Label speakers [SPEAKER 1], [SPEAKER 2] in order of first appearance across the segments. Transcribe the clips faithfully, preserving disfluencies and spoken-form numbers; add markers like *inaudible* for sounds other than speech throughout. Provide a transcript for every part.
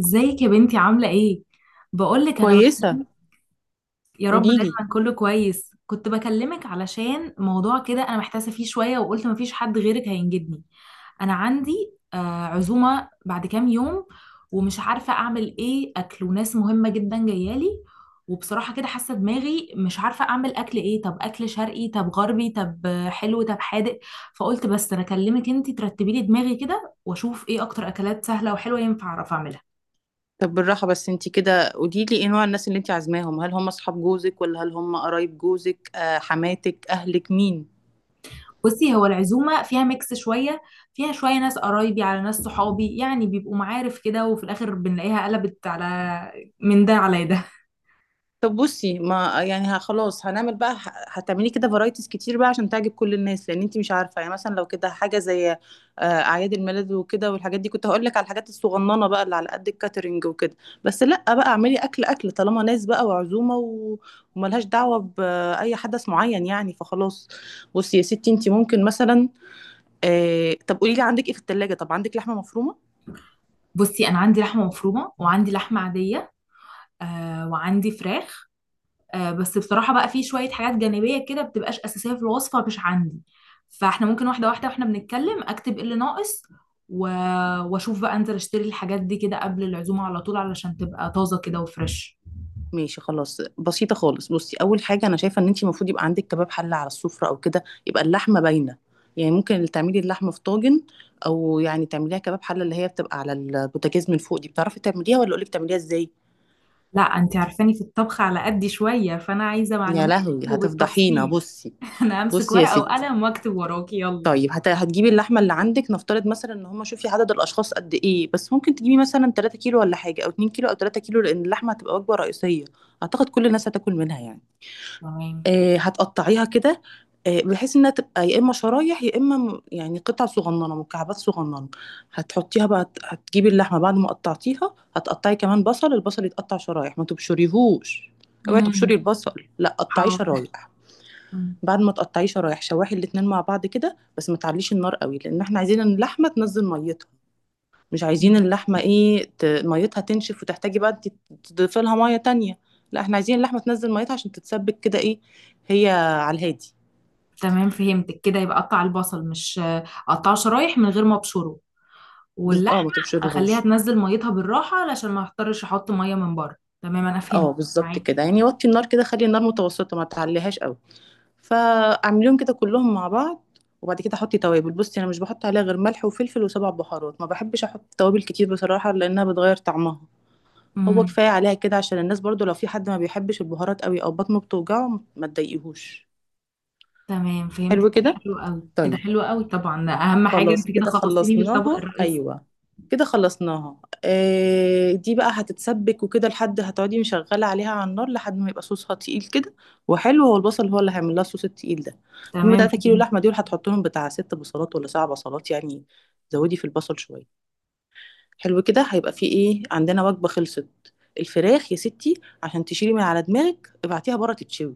[SPEAKER 1] ازيك يا بنتي عاملة ايه؟ بقولك انا
[SPEAKER 2] كويسة.
[SPEAKER 1] بكلمك. يا رب
[SPEAKER 2] قوليلي.
[SPEAKER 1] دايما كله كويس، كنت بكلمك علشان موضوع كده انا محتاسة فيه شوية وقلت مفيش حد غيرك هينجدني. انا عندي آه عزومة بعد كام يوم، ومش عارفة اعمل ايه اكل، وناس مهمة جدا جايالي. وبصراحة كده حاسة دماغي مش عارفة اعمل اكل ايه، طب اكل شرقي طب غربي طب آه، حلو طب حادق. فقلت بس انا اكلمك انتي ترتبي لي دماغي كده واشوف ايه اكتر اكلات سهلة وحلوة ينفع اعرف اعملها.
[SPEAKER 2] طب بالراحة، بس انتي كده قوليلي ايه نوع الناس اللي انتي عازماهم. هل هم اصحاب جوزك، ولا هل هم قرايب جوزك، آه حماتك، اهلك، مين؟
[SPEAKER 1] بصي، هو العزومة فيها ميكس شوية، فيها شوية ناس قرايبي على ناس صحابي، يعني بيبقوا معارف كده، وفي الآخر بنلاقيها قلبت على من ده على ده.
[SPEAKER 2] طب بصي، ما يعني ه- خلاص هنعمل بقى ه- هتعملي كده فرايتيز كتير بقى عشان تعجب كل الناس، لان انت مش عارفه. يعني مثلا لو كده حاجه زي آه، اعياد الميلاد وكده والحاجات دي، كنت هقول لك على الحاجات الصغننه بقى اللي على قد الكاترينج وكده. بس لا، بقى اعملي اكل اكل، طالما ناس بقى وعزومه و- وملهاش دعوه باي حدث معين يعني، فخلاص. بصي يا ستي، انت ممكن مثلا آه، طب قولي لي، عندك ايه في الثلاجه؟ طب عندك لحمه مفرومه؟
[SPEAKER 1] بصي أنا عندي لحمة مفرومة وعندي لحمة عادية، آه وعندي فراخ. آه بس بصراحة بقى في شوية حاجات جانبية كده بتبقاش أساسية في الوصفة مش عندي. فاحنا ممكن واحدة واحدة واحنا بنتكلم أكتب إيه اللي ناقص و... وأشوف بقى أنزل أشتري الحاجات دي كده قبل العزومة على طول علشان تبقى طازة كده وفريش.
[SPEAKER 2] ماشي، خلاص، بسيطة خالص. بصي، أول حاجة أنا شايفة إن أنتي المفروض يبقى عندك كباب حلة على السفرة، أو كده يبقى اللحمة باينة. يعني ممكن تعملي اللحمة في طاجن، أو يعني تعمليها كباب حلة، اللي هي بتبقى على البوتاجاز من فوق دي. بتعرفي تعمليها، ولا أقولك تعمليها إزاي؟
[SPEAKER 1] لا انت عارفاني في الطبخ على قدي شوية، فانا عايزة
[SPEAKER 2] يا
[SPEAKER 1] معلوماتك
[SPEAKER 2] لهوي، هتفضحينا.
[SPEAKER 1] وبالتفصيل.
[SPEAKER 2] بصي،
[SPEAKER 1] *laughs* انا امسك
[SPEAKER 2] بصي يا
[SPEAKER 1] ورقة
[SPEAKER 2] ستي.
[SPEAKER 1] وقلم واكتب وراكي، يلا.
[SPEAKER 2] طيب هت... هتجيبي اللحمة اللي عندك، نفترض مثلا إن هما، شوفي عدد الأشخاص قد إيه، بس ممكن تجيبي مثلا 3 كيلو ولا حاجة، أو 2 كيلو أو 3 كيلو، لأن اللحمة هتبقى وجبة رئيسية. أعتقد كل الناس هتاكل منها يعني.
[SPEAKER 1] تمام.
[SPEAKER 2] آه، هتقطعيها كده، آه، بحيث انها تبقى يا اما شرايح يا اما م- يعني قطع صغننه، مكعبات صغننه. هتحطيها بقى، هتجيبي اللحمه بعد ما قطعتيها، هتقطعي كمان بصل. البصل يتقطع شرايح، ما تبشريهوش. اوعي تبشري
[SPEAKER 1] امم.
[SPEAKER 2] البصل، لا قطعيه
[SPEAKER 1] حاضر.
[SPEAKER 2] شرايح.
[SPEAKER 1] مم.
[SPEAKER 2] بعد ما تقطعيه شرايح، شواحي الاتنين مع بعض كده، بس ما تعليش النار قوي، لان احنا عايزين اللحمه تنزل ميتها. مش
[SPEAKER 1] مم.
[SPEAKER 2] عايزين اللحمة ايه ت- ميتها تنشف وتحتاجي بقى انت تضيفي لها مية تانية. لا، احنا عايزين اللحمة تنزل ميتها عشان تتسبك كده. ايه هي، على الهادي.
[SPEAKER 1] تمام فهمتك، كده يبقى اقطع البصل، مش اقطعه شرايح من غير ما ابشره،
[SPEAKER 2] بز... اه، ما
[SPEAKER 1] واللحمة اخليها
[SPEAKER 2] تبشرهوش.
[SPEAKER 1] تنزل ميتها بالراحة علشان ما اضطرش احط مية من بره. تمام انا فهمت.
[SPEAKER 2] اه، بالظبط
[SPEAKER 1] معاكي.
[SPEAKER 2] كده يعني. وطي النار كده، خلي النار متوسطة، ما تعليهاش قوي. فاعمليهم كده كلهم مع بعض، وبعد كده حطي توابل. بصي، انا مش بحط عليها غير ملح وفلفل وسبع بهارات. ما بحبش احط توابل كتير بصراحة، لانها بتغير طعمها. هو
[SPEAKER 1] امم.
[SPEAKER 2] كفاية عليها كده، عشان الناس برضو لو في حد ما بيحبش البهارات قوي او بطنه بتوجعه، ما تضايقيهوش.
[SPEAKER 1] تمام
[SPEAKER 2] حلو
[SPEAKER 1] فهمتك،
[SPEAKER 2] كده.
[SPEAKER 1] حلو قوي كده،
[SPEAKER 2] طيب،
[SPEAKER 1] حلو قوي، طبعا ده اهم حاجة،
[SPEAKER 2] خلاص
[SPEAKER 1] انت كده
[SPEAKER 2] كده
[SPEAKER 1] خلصتيني من الطبق
[SPEAKER 2] خلصناها.
[SPEAKER 1] الرئيسي.
[SPEAKER 2] ايوه، كده خلصناها. آه، دي بقى هتتسبك وكده، لحد هتقعدي مشغله عليها على النار لحد ما يبقى صوصها تقيل كده، وحلو. هو البصل هو اللي هيعمل لها الصوص التقيل ده. المهم،
[SPEAKER 1] تمام
[SPEAKER 2] 3 كيلو
[SPEAKER 1] فهمت.
[SPEAKER 2] لحمه دول هتحط لهم بتاع ست بصلات ولا سبع بصلات يعني، زودي في البصل شويه. حلو كده، هيبقى في ايه، عندنا وجبه خلصت. الفراخ يا ستي، عشان تشيلي من على دماغك، ابعتيها بره تتشوي.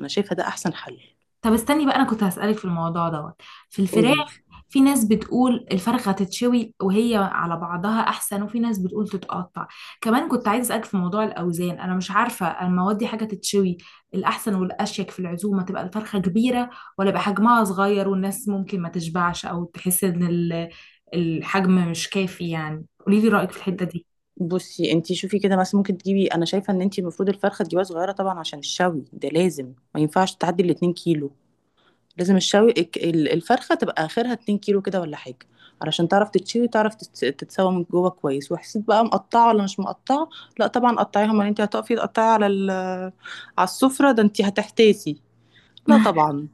[SPEAKER 2] انا شايفه ده احسن حل.
[SPEAKER 1] طب استني بقى، انا كنت هسألك في الموضوع دوت، في
[SPEAKER 2] قولي.
[SPEAKER 1] الفراخ. في ناس بتقول الفرخة تتشوي وهي على بعضها احسن، وفي ناس بتقول تتقطع. كمان كنت عايزة اسألك في موضوع الاوزان، انا مش عارفة المواد دي حاجة تتشوي، الاحسن والاشيك في العزومة تبقى الفرخة كبيرة ولا يبقى حجمها صغير والناس ممكن ما تشبعش او تحس ان ال- الحجم مش كافي، يعني قولي لي رأيك في الحتة دي.
[SPEAKER 2] بصي، انتي شوفي كده، مثلا ممكن تجيبي، انا شايفه ان انتي المفروض الفرخه تجيبها صغيره طبعا، عشان الشوي ده لازم ما ينفعش تعدي ال 2 كيلو. لازم الشوي الك- ال- الفرخه تبقى اخرها 2 كيلو كده ولا حاجه، علشان تعرف تتشوي، تعرف تت- تتسوى من جوه كويس. وحسيت بقى مقطعه ولا مش مقطعه؟ لا طبعا قطعيها. ما انتي هتقفي تقطعي على ال- على السفره ده، انتي هتحتاسي. لا
[SPEAKER 1] *laughs*
[SPEAKER 2] طبعا.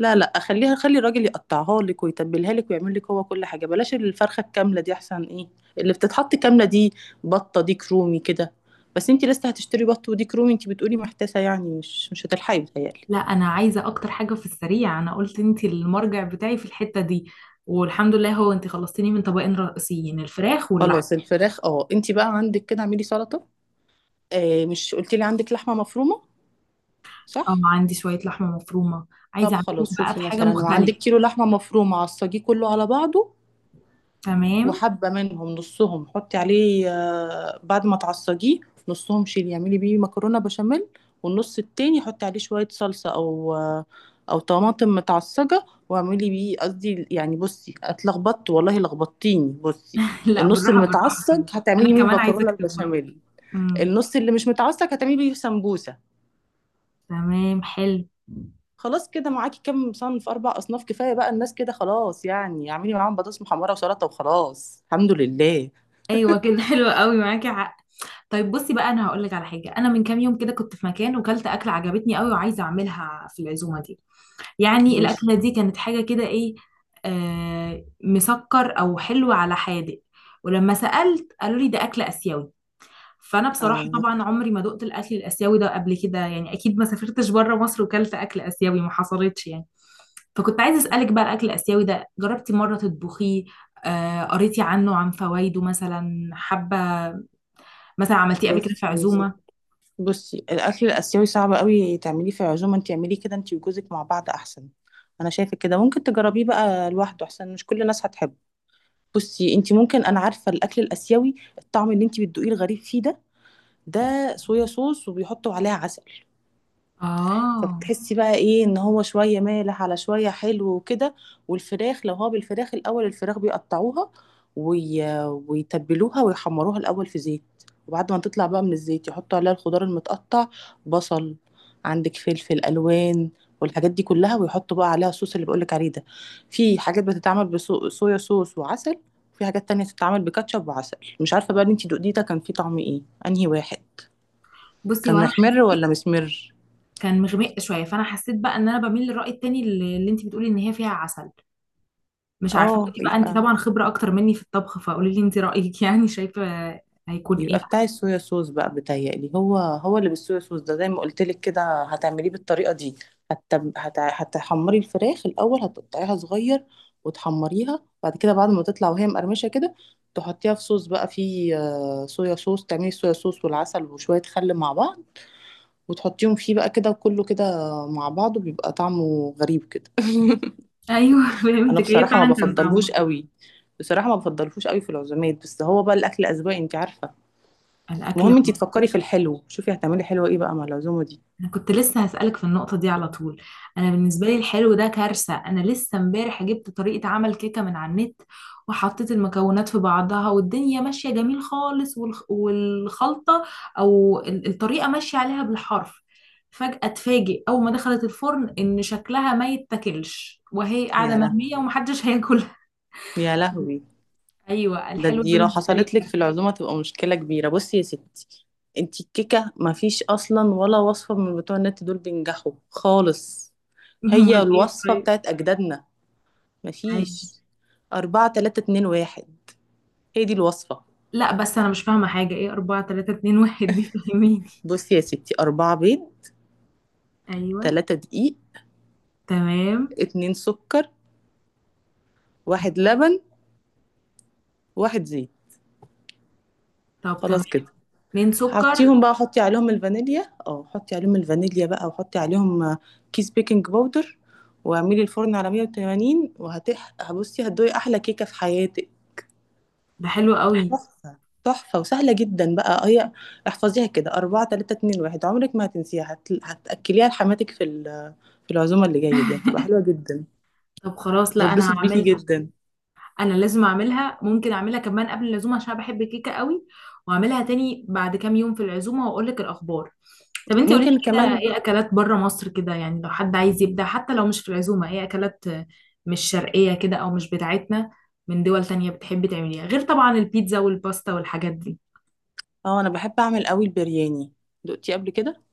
[SPEAKER 2] لا لا خليها، خلي الراجل يقطعها لك ويتبلها لك ويعمل لك هو كل حاجه. بلاش الفرخه الكامله دي، احسن. ايه اللي بتتحط كامله دي، بطه دي كرومي كده؟ بس انت لسه هتشتري بط وديك رومي؟ انت بتقولي محتاسه، يعني مش مش هتلحقي، بتهيألي.
[SPEAKER 1] لا انا عايزه اكتر حاجه في السريع، انا قلت انت المرجع بتاعي في الحته دي، والحمد لله هو انت خلصتيني من طبقين رئيسيين الفراخ واللحم.
[SPEAKER 2] خلاص الفراخ. اه، انت بقى عندك كده اعملي سلطه. آه، مش قلتي لي عندك لحمه مفرومه؟
[SPEAKER 1] اه
[SPEAKER 2] صح.
[SPEAKER 1] عندي شويه لحمه مفرومه، عايزه
[SPEAKER 2] طب
[SPEAKER 1] اعملهم
[SPEAKER 2] خلاص،
[SPEAKER 1] بقى
[SPEAKER 2] شوفي
[SPEAKER 1] بحاجه
[SPEAKER 2] مثلا لو عندك
[SPEAKER 1] مختلفه.
[SPEAKER 2] كيلو لحمه مفرومه، عصجيه كله على بعضه،
[SPEAKER 1] تمام.
[SPEAKER 2] وحبة منهم، نصهم حطي عليه آه، بعد ما تعصجيه، نصهم شيلي اعملي بيه مكرونة بشاميل، والنص التاني حطي عليه شوية صلصة، أو آه، أو طماطم متعصجة، واعملي بيه، قصدي يعني، بصي اتلخبطت والله، لخبطتيني. بصي،
[SPEAKER 1] *laughs* لا
[SPEAKER 2] النص
[SPEAKER 1] بالراحه
[SPEAKER 2] اللي
[SPEAKER 1] بالراحه
[SPEAKER 2] متعصج
[SPEAKER 1] كده.
[SPEAKER 2] هتعملي
[SPEAKER 1] انا
[SPEAKER 2] بيه
[SPEAKER 1] كمان عايزه
[SPEAKER 2] مكرونة
[SPEAKER 1] اكتب وراكي.
[SPEAKER 2] البشاميل،
[SPEAKER 1] امم.
[SPEAKER 2] النص اللي مش متعصج هتعملي بيه سمبوسة.
[SPEAKER 1] تمام حلو.
[SPEAKER 2] خلاص، كده معاكي كام صنف، أربع أصناف، كفاية بقى الناس كده خلاص يعني. اعملي معاهم بطاطس محمرة وسلطة، وخلاص الحمد لله.
[SPEAKER 1] ايوه *laughs* كده حلو قوي، معاكي حق. طيب بصي بقى، انا هقول لك على حاجه، انا من كام يوم كده كنت في مكان وكلت اكله عجبتني قوي وعايزه اعملها في العزومه دي. يعني
[SPEAKER 2] مش
[SPEAKER 1] الأكلة دي كانت حاجة كده إيه، آه، مسكر أو حلو على حادق. ولما سألت قالوا لي ده أكل آسيوي. فأنا بصراحة
[SPEAKER 2] اه.
[SPEAKER 1] طبعا عمري ما دقت الأكل الآسيوي ده قبل كده، يعني أكيد ما سافرتش بره مصر، وكلت أكل آسيوي ما حصلتش يعني. فكنت عايزة أسألك بقى، الأكل الآسيوي ده جربتي مرة تطبخيه، آه قريتي عنه عن فوائده مثلا، حابة مثلا عملتيه قبل كده
[SPEAKER 2] بصي
[SPEAKER 1] في
[SPEAKER 2] يا ستي،
[SPEAKER 1] عزومة؟
[SPEAKER 2] بصي الاكل الاسيوي صعب قوي تعمليه في عزومه. انت اعمليه كده انت وجوزك مع بعض، احسن. انا شايفه كده، ممكن تجربيه بقى لوحده احسن، مش كل الناس هتحبه. بصي، انت ممكن، انا عارفه الاكل الاسيوي الطعم اللي انت بتدوقيه الغريب فيه ده، ده صويا صوص، وبيحطوا عليها عسل.
[SPEAKER 1] آه.
[SPEAKER 2] فبتحسي بقى ايه، ان هو شويه مالح على شويه حلو وكده. والفراخ، لو هو بالفراخ، الاول الفراخ بيقطعوها وي... ويتبلوها ويحمروها الاول في زيت، وبعد ما تطلع بقى من الزيت يحطوا عليها الخضار المتقطع. بصل، عندك فلفل الوان، والحاجات دي كلها، ويحطوا بقى عليها الصوص اللي بقولك عليه ده. في حاجات بتتعمل بصويا صوص وعسل، وفي حاجات تانية بتتعمل بكاتشب وعسل. مش عارفة بقى اللي انتي دقتيه ده كان فيه طعم ايه، انهي واحد.
[SPEAKER 1] بصي
[SPEAKER 2] كان
[SPEAKER 1] وأنا،
[SPEAKER 2] محمر ولا مسمر؟
[SPEAKER 1] كان مغمق شويه، فانا حسيت بقى ان انا بميل للراي التاني، اللي اللي انت بتقولي ان هي فيها عسل، مش عارفه، انت
[SPEAKER 2] اه،
[SPEAKER 1] بقى انت
[SPEAKER 2] يبقى،
[SPEAKER 1] طبعا خبره اكتر مني في الطبخ، فقولي لي انت رايك. *laughs* يعني شايفه هيكون ايه.
[SPEAKER 2] يبقى بتاع الصويا صوص بقى بتهيألي. هو هو اللي بالصويا صوص ده. زي ما قلت لك كده، هتعمليه بالطريقة دي. هت... هت... هتحمري الفراخ الأول، هتقطعيها صغير وتحمريها. بعد كده، بعد ما تطلع وهي مقرمشة كده، تحطيها في صوص بقى فيه آه، صويا صوص. تعملي صويا صوص والعسل وشوية خل مع بعض، وتحطيهم فيه بقى كده. وكله كده مع بعضه بيبقى طعمه غريب كده. *laughs*
[SPEAKER 1] ايوه *laughs*
[SPEAKER 2] انا
[SPEAKER 1] فهمتك، ايه
[SPEAKER 2] بصراحة ما
[SPEAKER 1] فعلا كان
[SPEAKER 2] بفضلهوش
[SPEAKER 1] طعمه.
[SPEAKER 2] قوي، بصراحة ما بفضلهوش قوي في العزومات، بس هو بقى الأكل أذواق، انت عارفة.
[SPEAKER 1] الاكل،
[SPEAKER 2] المهم انتي تفكري في الحلو، شوفي هتعملي حلو ايه بقى مع العزومه دي.
[SPEAKER 1] انا كنت لسه هسألك في النقطة دي على طول. انا بالنسبة لي الحلو ده كارثة، انا لسه امبارح جبت طريقة عمل كيكة من على النت، وحطيت المكونات في بعضها والدنيا ماشية جميل خالص، والخ- والخلطة او ال- الطريقة ماشية عليها بالحرف، فجأة اتفاجئ اول ما دخلت الفرن ان شكلها ما يتاكلش، وهي قاعدة
[SPEAKER 2] يا
[SPEAKER 1] مرمية
[SPEAKER 2] لهوي،
[SPEAKER 1] ومحدش *laughs* هياكلها.
[SPEAKER 2] يا لهوي.
[SPEAKER 1] ايوه
[SPEAKER 2] ده
[SPEAKER 1] الحلو ده
[SPEAKER 2] دي لو
[SPEAKER 1] بالنسبة لي
[SPEAKER 2] حصلت لك في
[SPEAKER 1] كارثة.
[SPEAKER 2] العزومه تبقى مشكله كبيره. بصي يا ستي، انتي الكيكه ما فيش اصلا ولا وصفه من بتوع النت دول بينجحوا خالص.
[SPEAKER 1] *laughs*
[SPEAKER 2] هي
[SPEAKER 1] امال ايه
[SPEAKER 2] الوصفه
[SPEAKER 1] طيب.
[SPEAKER 2] بتاعت اجدادنا، ما
[SPEAKER 1] عادي.
[SPEAKER 2] فيش. أربعة تلاتة اتنين واحد، هي دي الوصفه.
[SPEAKER 1] لا بس انا مش فاهمة حاجة، ايه أربعة تلاتة اتنين واحد دي؟ فاهميني.
[SPEAKER 2] بصي يا ستي، أربعة بيض،
[SPEAKER 1] ايوه.
[SPEAKER 2] تلاتة دقيق،
[SPEAKER 1] تمام.
[SPEAKER 2] اتنين سكر، واحد لبن، واحد زيت،
[SPEAKER 1] طب تمام.
[SPEAKER 2] خلاص كده.
[SPEAKER 1] اتنين سكر.
[SPEAKER 2] حطيهم بقى، حطي عليهم الفانيليا، اه حطي عليهم الفانيليا بقى، وحطي عليهم آه، كيس بيكنج باودر، واعملي الفرن على مية وتمانين. وهتح هبصي، هتدوقي احلى كيكه في حياتك.
[SPEAKER 1] ده حلو قوي.
[SPEAKER 2] تحفه، تحفه وسهله جدا بقى هي. احفظيها كده، أربعة تلاتة اتنين واحد، عمرك ما هتنسيها. هت... هتاكليها لحماتك في ال... في العزومه اللي جايه دي، هتبقى حلوه جدا،
[SPEAKER 1] طب خلاص، لا انا
[SPEAKER 2] هتتبسط بيكي
[SPEAKER 1] هعملها،
[SPEAKER 2] جدا.
[SPEAKER 1] انا لازم اعملها، ممكن اعملها كمان قبل العزومه عشان أنا بحب الكيكه قوي، واعملها تاني بعد كام يوم في العزومه واقول لك الاخبار. طب انت قولي لي
[SPEAKER 2] ممكن
[SPEAKER 1] كده،
[SPEAKER 2] كمان.
[SPEAKER 1] ايه اكلات بره مصر كده، يعني لو حد عايز يبدع حتى لو مش في العزومه، ايه اكلات مش شرقيه كده او مش بتاعتنا، من دول تانية بتحبي تعمليها، غير طبعا البيتزا والباستا والحاجات دي؟
[SPEAKER 2] اه، انا بحب اعمل قوي البرياني، دقتي قبل كده؟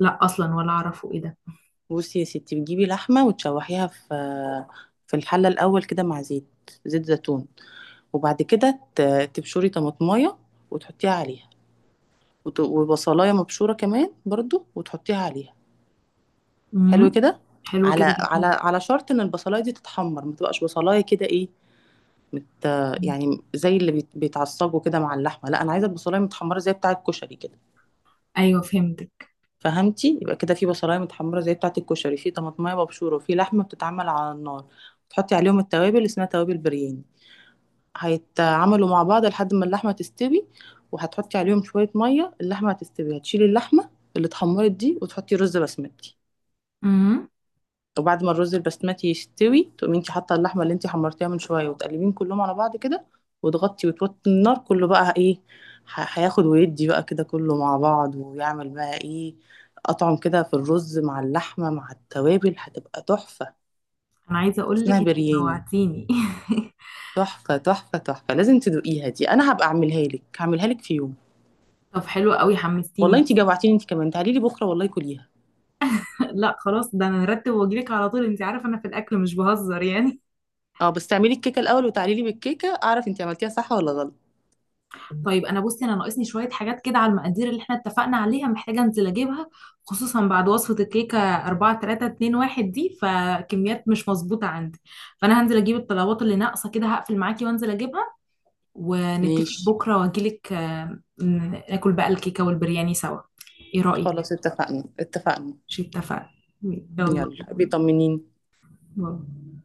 [SPEAKER 1] لا اصلا ولا اعرفه ايه ده.
[SPEAKER 2] بصي يا ستي، بتجيبي لحمة وتشوحيها في في الحلة الأول كده مع زيت، زيت زيتون. وبعد كده ت- تبشري طماطماية وتحطيها عليها، وت- وبصلاية مبشورة كمان برضو وتحطيها عليها. حلو
[SPEAKER 1] امم.
[SPEAKER 2] كده.
[SPEAKER 1] حلو
[SPEAKER 2] على
[SPEAKER 1] كده
[SPEAKER 2] على
[SPEAKER 1] جدا.
[SPEAKER 2] على شرط إن البصلاية دي تتحمر، ما تبقاش بصلاية كده إيه، مت يعني زي اللي بيت- بيتعصجوا كده مع اللحمة. لا، أنا عايزة البصلاية متحمرة زي بتاعة الكشري كده.
[SPEAKER 1] ايوه فهمتك.
[SPEAKER 2] فهمتي؟ يبقى كده في بصلايه متحمره زي بتاعه الكشري، في طماطمايه مبشوره، وفي لحمه بتتعمل على النار. تحطي عليهم التوابل، اسمها توابل برياني. هيتعملوا مع بعض لحد ما اللحمه تستوي، وهتحطي عليهم شويه ميه. اللحمه هتستوي، هتشيلي اللحمه اللي اتحمرت دي، وتحطي رز بسمتي. وبعد ما الرز البسمتي يستوي، تقومي انت حاطه اللحمه اللي انت حمرتيها من شويه، وتقلبيهم كلهم على بعض كده، وتغطي وتوطي النار. كله بقى ايه، ح- هياخد ويدي بقى كده كله مع بعض، ويعمل بقى ايه، اطعم كده في الرز مع اللحمه مع التوابل. هتبقى تحفه،
[SPEAKER 1] انا عايزه اقول لك
[SPEAKER 2] اسمها
[SPEAKER 1] انت
[SPEAKER 2] برياني.
[SPEAKER 1] جوعتيني.
[SPEAKER 2] تحفه تحفه تحفه، لازم تدوقيها دي. انا هبقى اعملها لك، هعملها لك في يوم.
[SPEAKER 1] *laughs* طب حلو قوي حمستيني،
[SPEAKER 2] والله
[SPEAKER 1] بص.
[SPEAKER 2] انت جوعتيني انت كمان، تعالي لي بكره والله كليها.
[SPEAKER 1] *laughs* لا خلاص، ده انا نرتب واجيلك على طول، انت عارفه انا في الاكل مش بهزر يعني.
[SPEAKER 2] اه، بس تعملي الكيكه الاول وتعالي لي بالكيكه، اعرف انت عملتيها صح ولا غلط.
[SPEAKER 1] *laughs* طيب انا بصي، انا ناقصني شويه حاجات كده على المقادير اللي احنا اتفقنا عليها، محتاجه انزل اجيبها، خصوصا بعد وصفه الكيكه أربعة تلاتة اتنين واحد دي، فكميات مش مظبوطه عندي، فانا هنزل اجيب الطلبات اللي ناقصه كده، هقفل معاكي وانزل اجيبها، ونتفق
[SPEAKER 2] ماشي.
[SPEAKER 1] بكره واجيلك، آه، ن- ناكل بقى الكيكه والبرياني سوا. ايه رايك؟
[SPEAKER 2] خلاص اتفقنا، اتفقنا.
[SPEAKER 1] مش اتفقنا؟ يلا،
[SPEAKER 2] يلا بيطمنيني.
[SPEAKER 1] باي.